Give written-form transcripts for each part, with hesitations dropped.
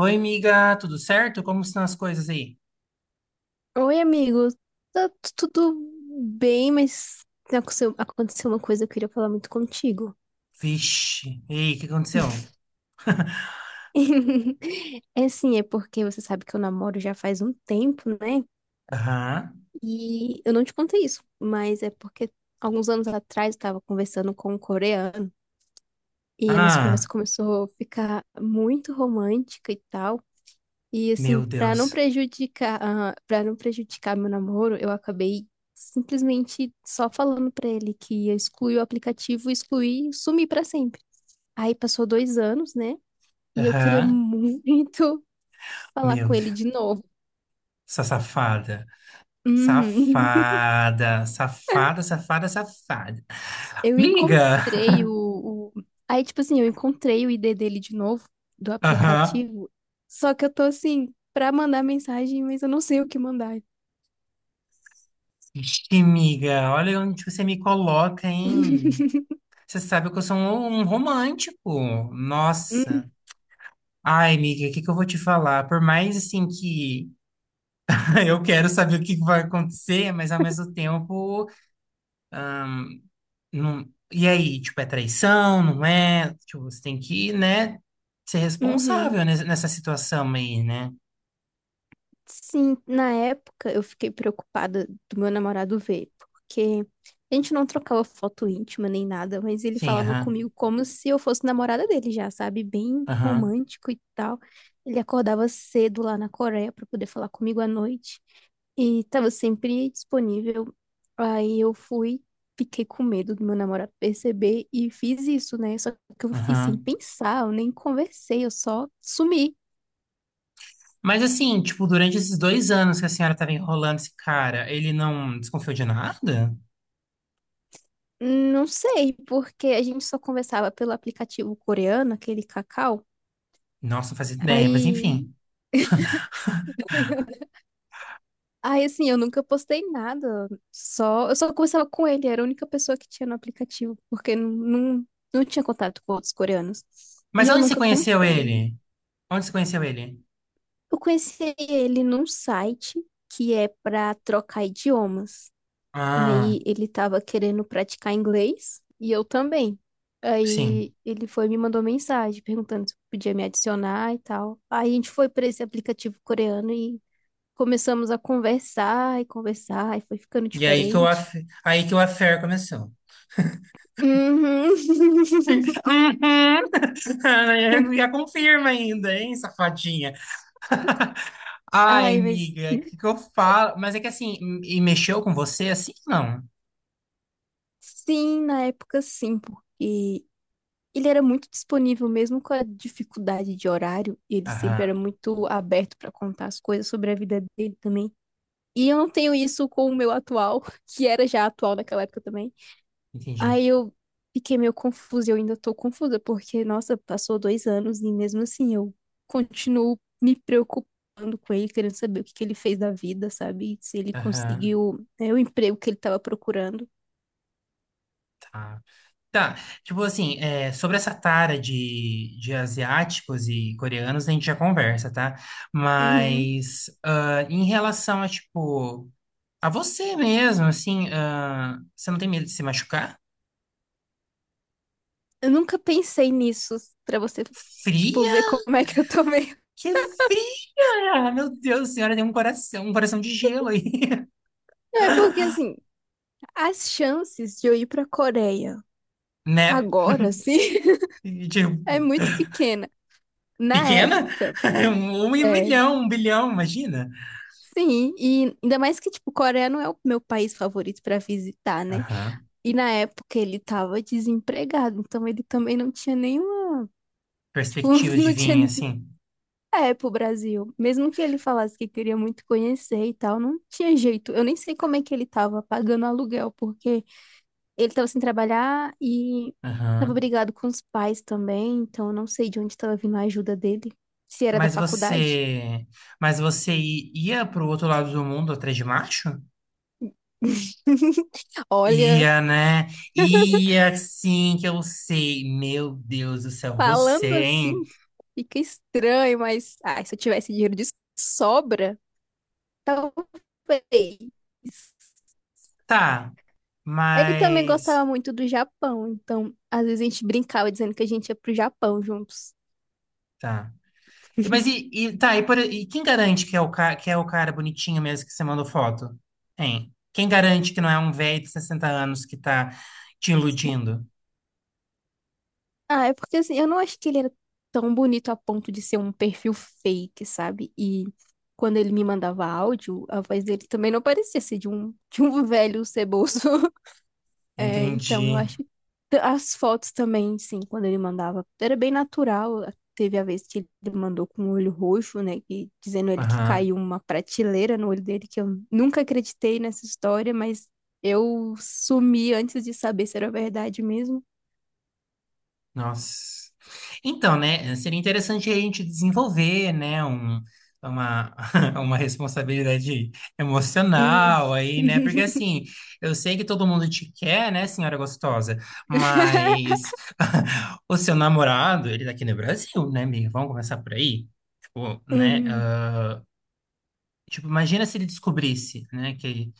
Oi, amiga, tudo certo? Como estão as coisas aí? Oi, amigo. Tudo bem, mas aconteceu uma coisa que eu queria falar muito contigo. Vixe, ei, o que aconteceu? É assim, é porque você sabe que eu namoro já faz um tempo, né? Aham, E eu não te contei isso, mas é porque alguns anos atrás eu tava conversando com um coreano e a nossa ah, conversa começou a ficar muito romântica e tal. E assim, meu pra não Deus. prejudicar, para não prejudicar meu namoro, eu acabei simplesmente só falando pra ele que ia excluir o aplicativo, excluir e sumir pra sempre. Aí passou 2 anos, né? E eu queria Aham, muito falar meu com ele Deus. de novo. Essa safada. Uhum. Safada, safada, safada, safada. Eu Miga! encontrei o- Aí, tipo assim, eu encontrei o ID dele de novo, do Aham. aplicativo. Só que eu tô assim, pra mandar mensagem, mas eu não sei o que mandar. Vixe, miga, olha onde você me coloca, hein? Você sabe que eu sou um romântico. Nossa. Ai, miga, o que que eu vou te falar? Por mais, assim, que eu quero saber o que vai acontecer, mas ao mesmo tempo, não... E aí, tipo, é traição, não é? Tipo, você tem que, né, ser Uhum. responsável nessa situação aí, né? Sim, na época eu fiquei preocupada do meu namorado ver, porque a gente não trocava foto íntima nem nada, mas ele Sim, falava aham, comigo como se eu fosse namorada dele já, sabe? Bem aham, romântico e tal. Ele acordava cedo lá na Coreia para poder falar comigo à noite e estava sempre disponível. Aí eu fui, Fiquei com medo do meu namorado perceber e fiz isso, né? Só que eu fiz sem aham. pensar, eu nem conversei, eu só sumi. Mas assim, tipo, durante esses dois anos que a senhora tava enrolando esse cara, ele não desconfiou de nada? Não sei, porque a gente só conversava pelo aplicativo coreano, aquele Kakao. Nossa, não fazia ideia, mas Aí, enfim. Aí assim, eu nunca postei nada. Eu só conversava com ele, era a única pessoa que tinha no aplicativo, porque não tinha contato com outros coreanos. E Mas eu onde você nunca conheceu contei. ele? Onde você conheceu ele? Eu conheci ele num site que é para trocar idiomas. Ah, Aí ele tava querendo praticar inglês e eu também. sim. Aí ele foi e me mandou mensagem perguntando se podia me adicionar e tal. Aí a gente foi para esse aplicativo coreano e começamos a conversar e conversar e foi ficando E aí que o, diferente. aff... Aí que o affair começou. Uhum. Uhum. Já confirma ainda, hein, safadinha? Ai, Ai, mas amiga, o que que eu falo? Mas é que assim, e mexeu com você assim? Não. sim, na época sim, porque ele era muito disponível mesmo com a dificuldade de horário. Ele sempre Aham, era muito aberto para contar as coisas sobre a vida dele também. E eu não tenho isso com o meu atual, que era já atual naquela época também. entendi. Aí eu fiquei meio confusa, eu ainda tô confusa, porque, nossa, passou 2 anos e mesmo assim eu continuo me preocupando com ele, querendo saber o que que ele fez da vida, sabe? Se ele Aham, conseguiu, né, o emprego que ele tava procurando. tá. Tá, tipo assim, é, sobre essa tara de asiáticos e coreanos, a gente já conversa, tá? Uhum. Mas ah, em relação a, tipo, a você mesmo, assim, ah, você não tem medo de se machucar? Eu nunca pensei nisso, pra você, tipo, Fria? ver como é que eu tô meio. Que fria! Meu Deus, a senhora tem um coração de gelo aí, Não, é porque, assim, as chances de eu ir pra Coreia né? agora, assim, E, é tipo, muito pequena. Na pequena? época, Um em um é, milhão, um bilhão, imagina. sim, e ainda mais que, tipo, Coreia não é o meu país favorito pra visitar, né? Aham. E na época ele tava desempregado, então ele também não tinha nenhuma, tipo, Perspectiva de não vir, tinha, assim. é, pro Brasil. Mesmo que ele falasse que queria muito conhecer e tal, não tinha jeito. Eu nem sei como é que ele tava pagando aluguel, porque ele tava sem trabalhar e tava Aham. brigado com os pais também, então eu não sei de onde tava vindo a ajuda dele, se era da Mas faculdade. você... Mas você ia pro outro lado do mundo atrás de macho? Olha, Ia, né? Ia, sim, que eu sei. Meu Deus do céu, você, falando assim, hein? fica estranho, mas ai, se eu tivesse dinheiro de sobra, talvez. Tá, Ele também gostava mas... muito do Japão, então às vezes a gente brincava dizendo que a gente ia pro Japão juntos. Tá. E quem garante que é o cara, que é o cara bonitinho mesmo que você mandou foto? Hein? Quem garante que não é um velho de 60 anos que tá te iludindo? Ah, é porque assim, eu não acho que ele era tão bonito a ponto de ser um perfil fake, sabe? E quando ele me mandava áudio, a voz dele também não parecia ser de de um velho ceboso. É, então, eu Entendi. acho que as fotos também, sim, quando ele mandava, era bem natural. Teve a vez que ele mandou com o olho roxo, né? Que, dizendo ele que Aham. caiu uma prateleira no olho dele, que eu nunca acreditei nessa história, mas eu sumi antes de saber se era verdade mesmo. Nossa. Então, né, seria interessante a gente desenvolver, né, um, uma, uma responsabilidade Hum. emocional aí, né, porque assim, eu sei que todo mundo te quer, né, senhora gostosa, mas o seu namorado, ele tá aqui no Brasil, né, amiga? Vamos começar por aí? Tipo, né, Uhum. ah, tipo, imagina se ele descobrisse, né, que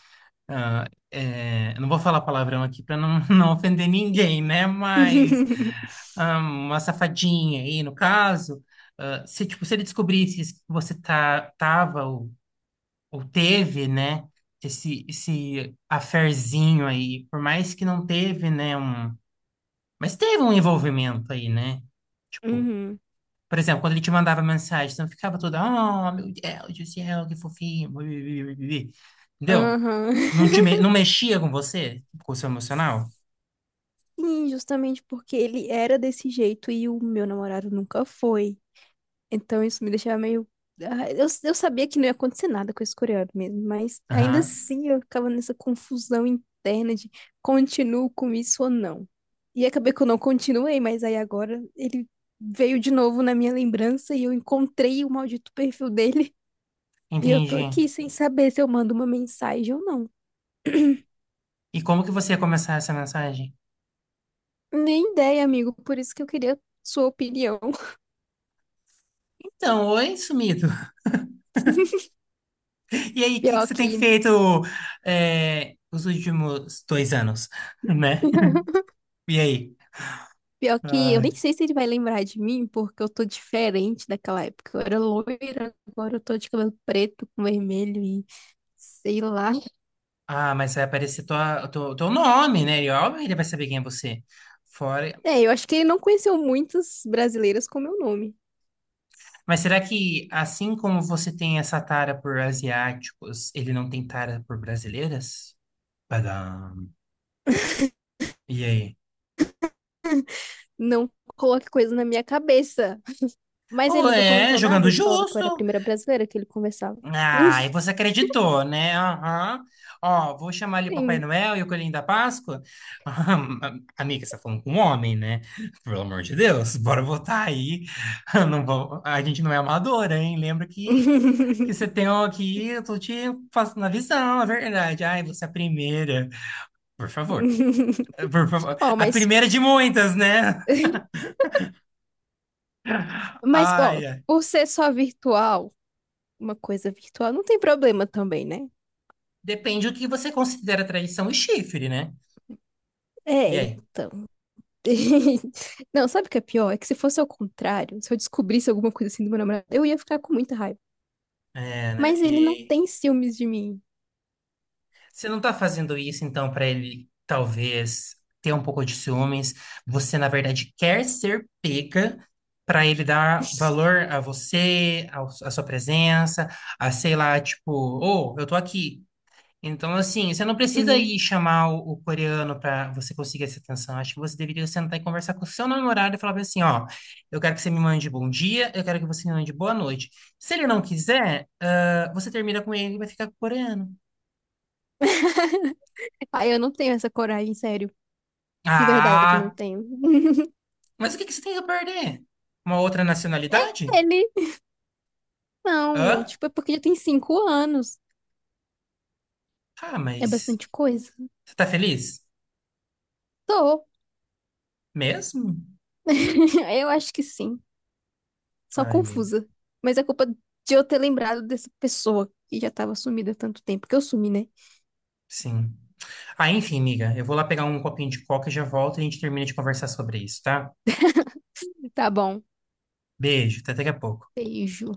ah, é, eu não vou falar palavrão aqui para não, não ofender ninguém, né? Mas ah, uma safadinha aí, no caso, ah, se tipo se ele descobrisse que você tá tava ou teve, né? Esse affairzinho aí, por mais que não teve, né? Um, mas teve um envolvimento aí, né? Tipo, Uhum. por exemplo, quando ele te mandava mensagem, você não ficava toda, oh, meu Deus do céu, que fofinho. Entendeu? Aham. Não mexia com você, com o seu emocional? Sim, justamente porque ele era desse jeito e o meu namorado nunca foi. Então isso me deixava meio. Ah, eu sabia que não ia acontecer nada com esse coreano mesmo, mas ainda Aham, assim eu ficava nessa confusão interna de continuo com isso ou não. E acabei que eu não continuei, mas aí agora ele veio de novo na minha lembrança e eu encontrei o maldito perfil dele. E eu tô entendi. aqui sem saber se eu mando uma mensagem ou não. E como que você ia começar essa mensagem? Nem ideia, amigo, por isso que eu queria sua opinião. Então, oi, sumido. E aí, o que que Pior você tem que. feito é, os últimos 2 anos, né? E aí? Pior que eu nem Ai. sei se ele vai lembrar de mim, porque eu tô diferente daquela época. Eu era loira, agora eu tô de cabelo preto com vermelho e sei lá. Ah, mas vai aparecer teu nome, né? E óbvio que ele vai saber quem é você. Fora, É, eu acho que ele não conheceu muitas brasileiras com meu nome. mas será que, assim como você tem essa tara por asiáticos, ele não tem tara por brasileiras? Padam. E aí? Não coloque coisa na minha cabeça. Mas ele Ou nunca é, comentou nada, jogando ele falava que eu era a justo. primeira brasileira que ele conversava. Ah, e você acreditou, né? Aham. Ó, vou chamar ali o Papai Sim. Noel e o Coelhinho da Páscoa. Ah, amiga, você tá falando com um homem, né? Pelo amor de Deus, bora votar aí. Não vou... A gente não é amadora, hein? Lembra que você tem aqui, eu tô te passando a visão, a verdade. Ai, você é a primeira. Por favor. Por favor. Ó, A mas. primeira de muitas, né? Mas, ó, Ai, ai. por ser só virtual, uma coisa virtual, não tem problema também, né? Depende do que você considera traição e chifre, né? É, E aí? então. Não, sabe o que é pior? É que se fosse ao contrário, se eu descobrisse alguma coisa assim do meu namorado, eu ia ficar com muita raiva. É, né? Mas E ele não aí? tem ciúmes de mim. Você não tá fazendo isso, então, pra ele talvez ter um pouco de ciúmes. Você, na verdade, quer ser pega pra ele dar valor a você, à sua presença, a sei lá, tipo, ô, eu tô aqui. Então, assim, você não precisa Hum. ir chamar o coreano para você conseguir essa atenção. Acho que você deveria sentar e conversar com o seu namorado e falar bem assim, ó, eu quero que você me mande bom dia, eu quero que você me mande boa noite. Se ele não quiser, ah, você termina com ele e vai ficar com o coreano. Ai, eu não tenho essa coragem, sério. De verdade, não Ah, tenho. mas o que que você tem a perder? Uma outra nacionalidade? Ele, não. Hã? Tipo, é porque já tem 5 anos. Ah, É mas bastante coisa. você tá feliz? Tô. Mesmo? Eu acho que sim. Só Ai, amiga, confusa. Mas é culpa de eu ter lembrado dessa pessoa que já tava sumida há tanto tempo. Que eu sumi, né? sim. Ah, enfim, amiga, eu vou lá pegar um copinho de coca e já volto e a gente termina de conversar sobre isso, tá? Tá bom. Beijo, até daqui a pouco. Beijo.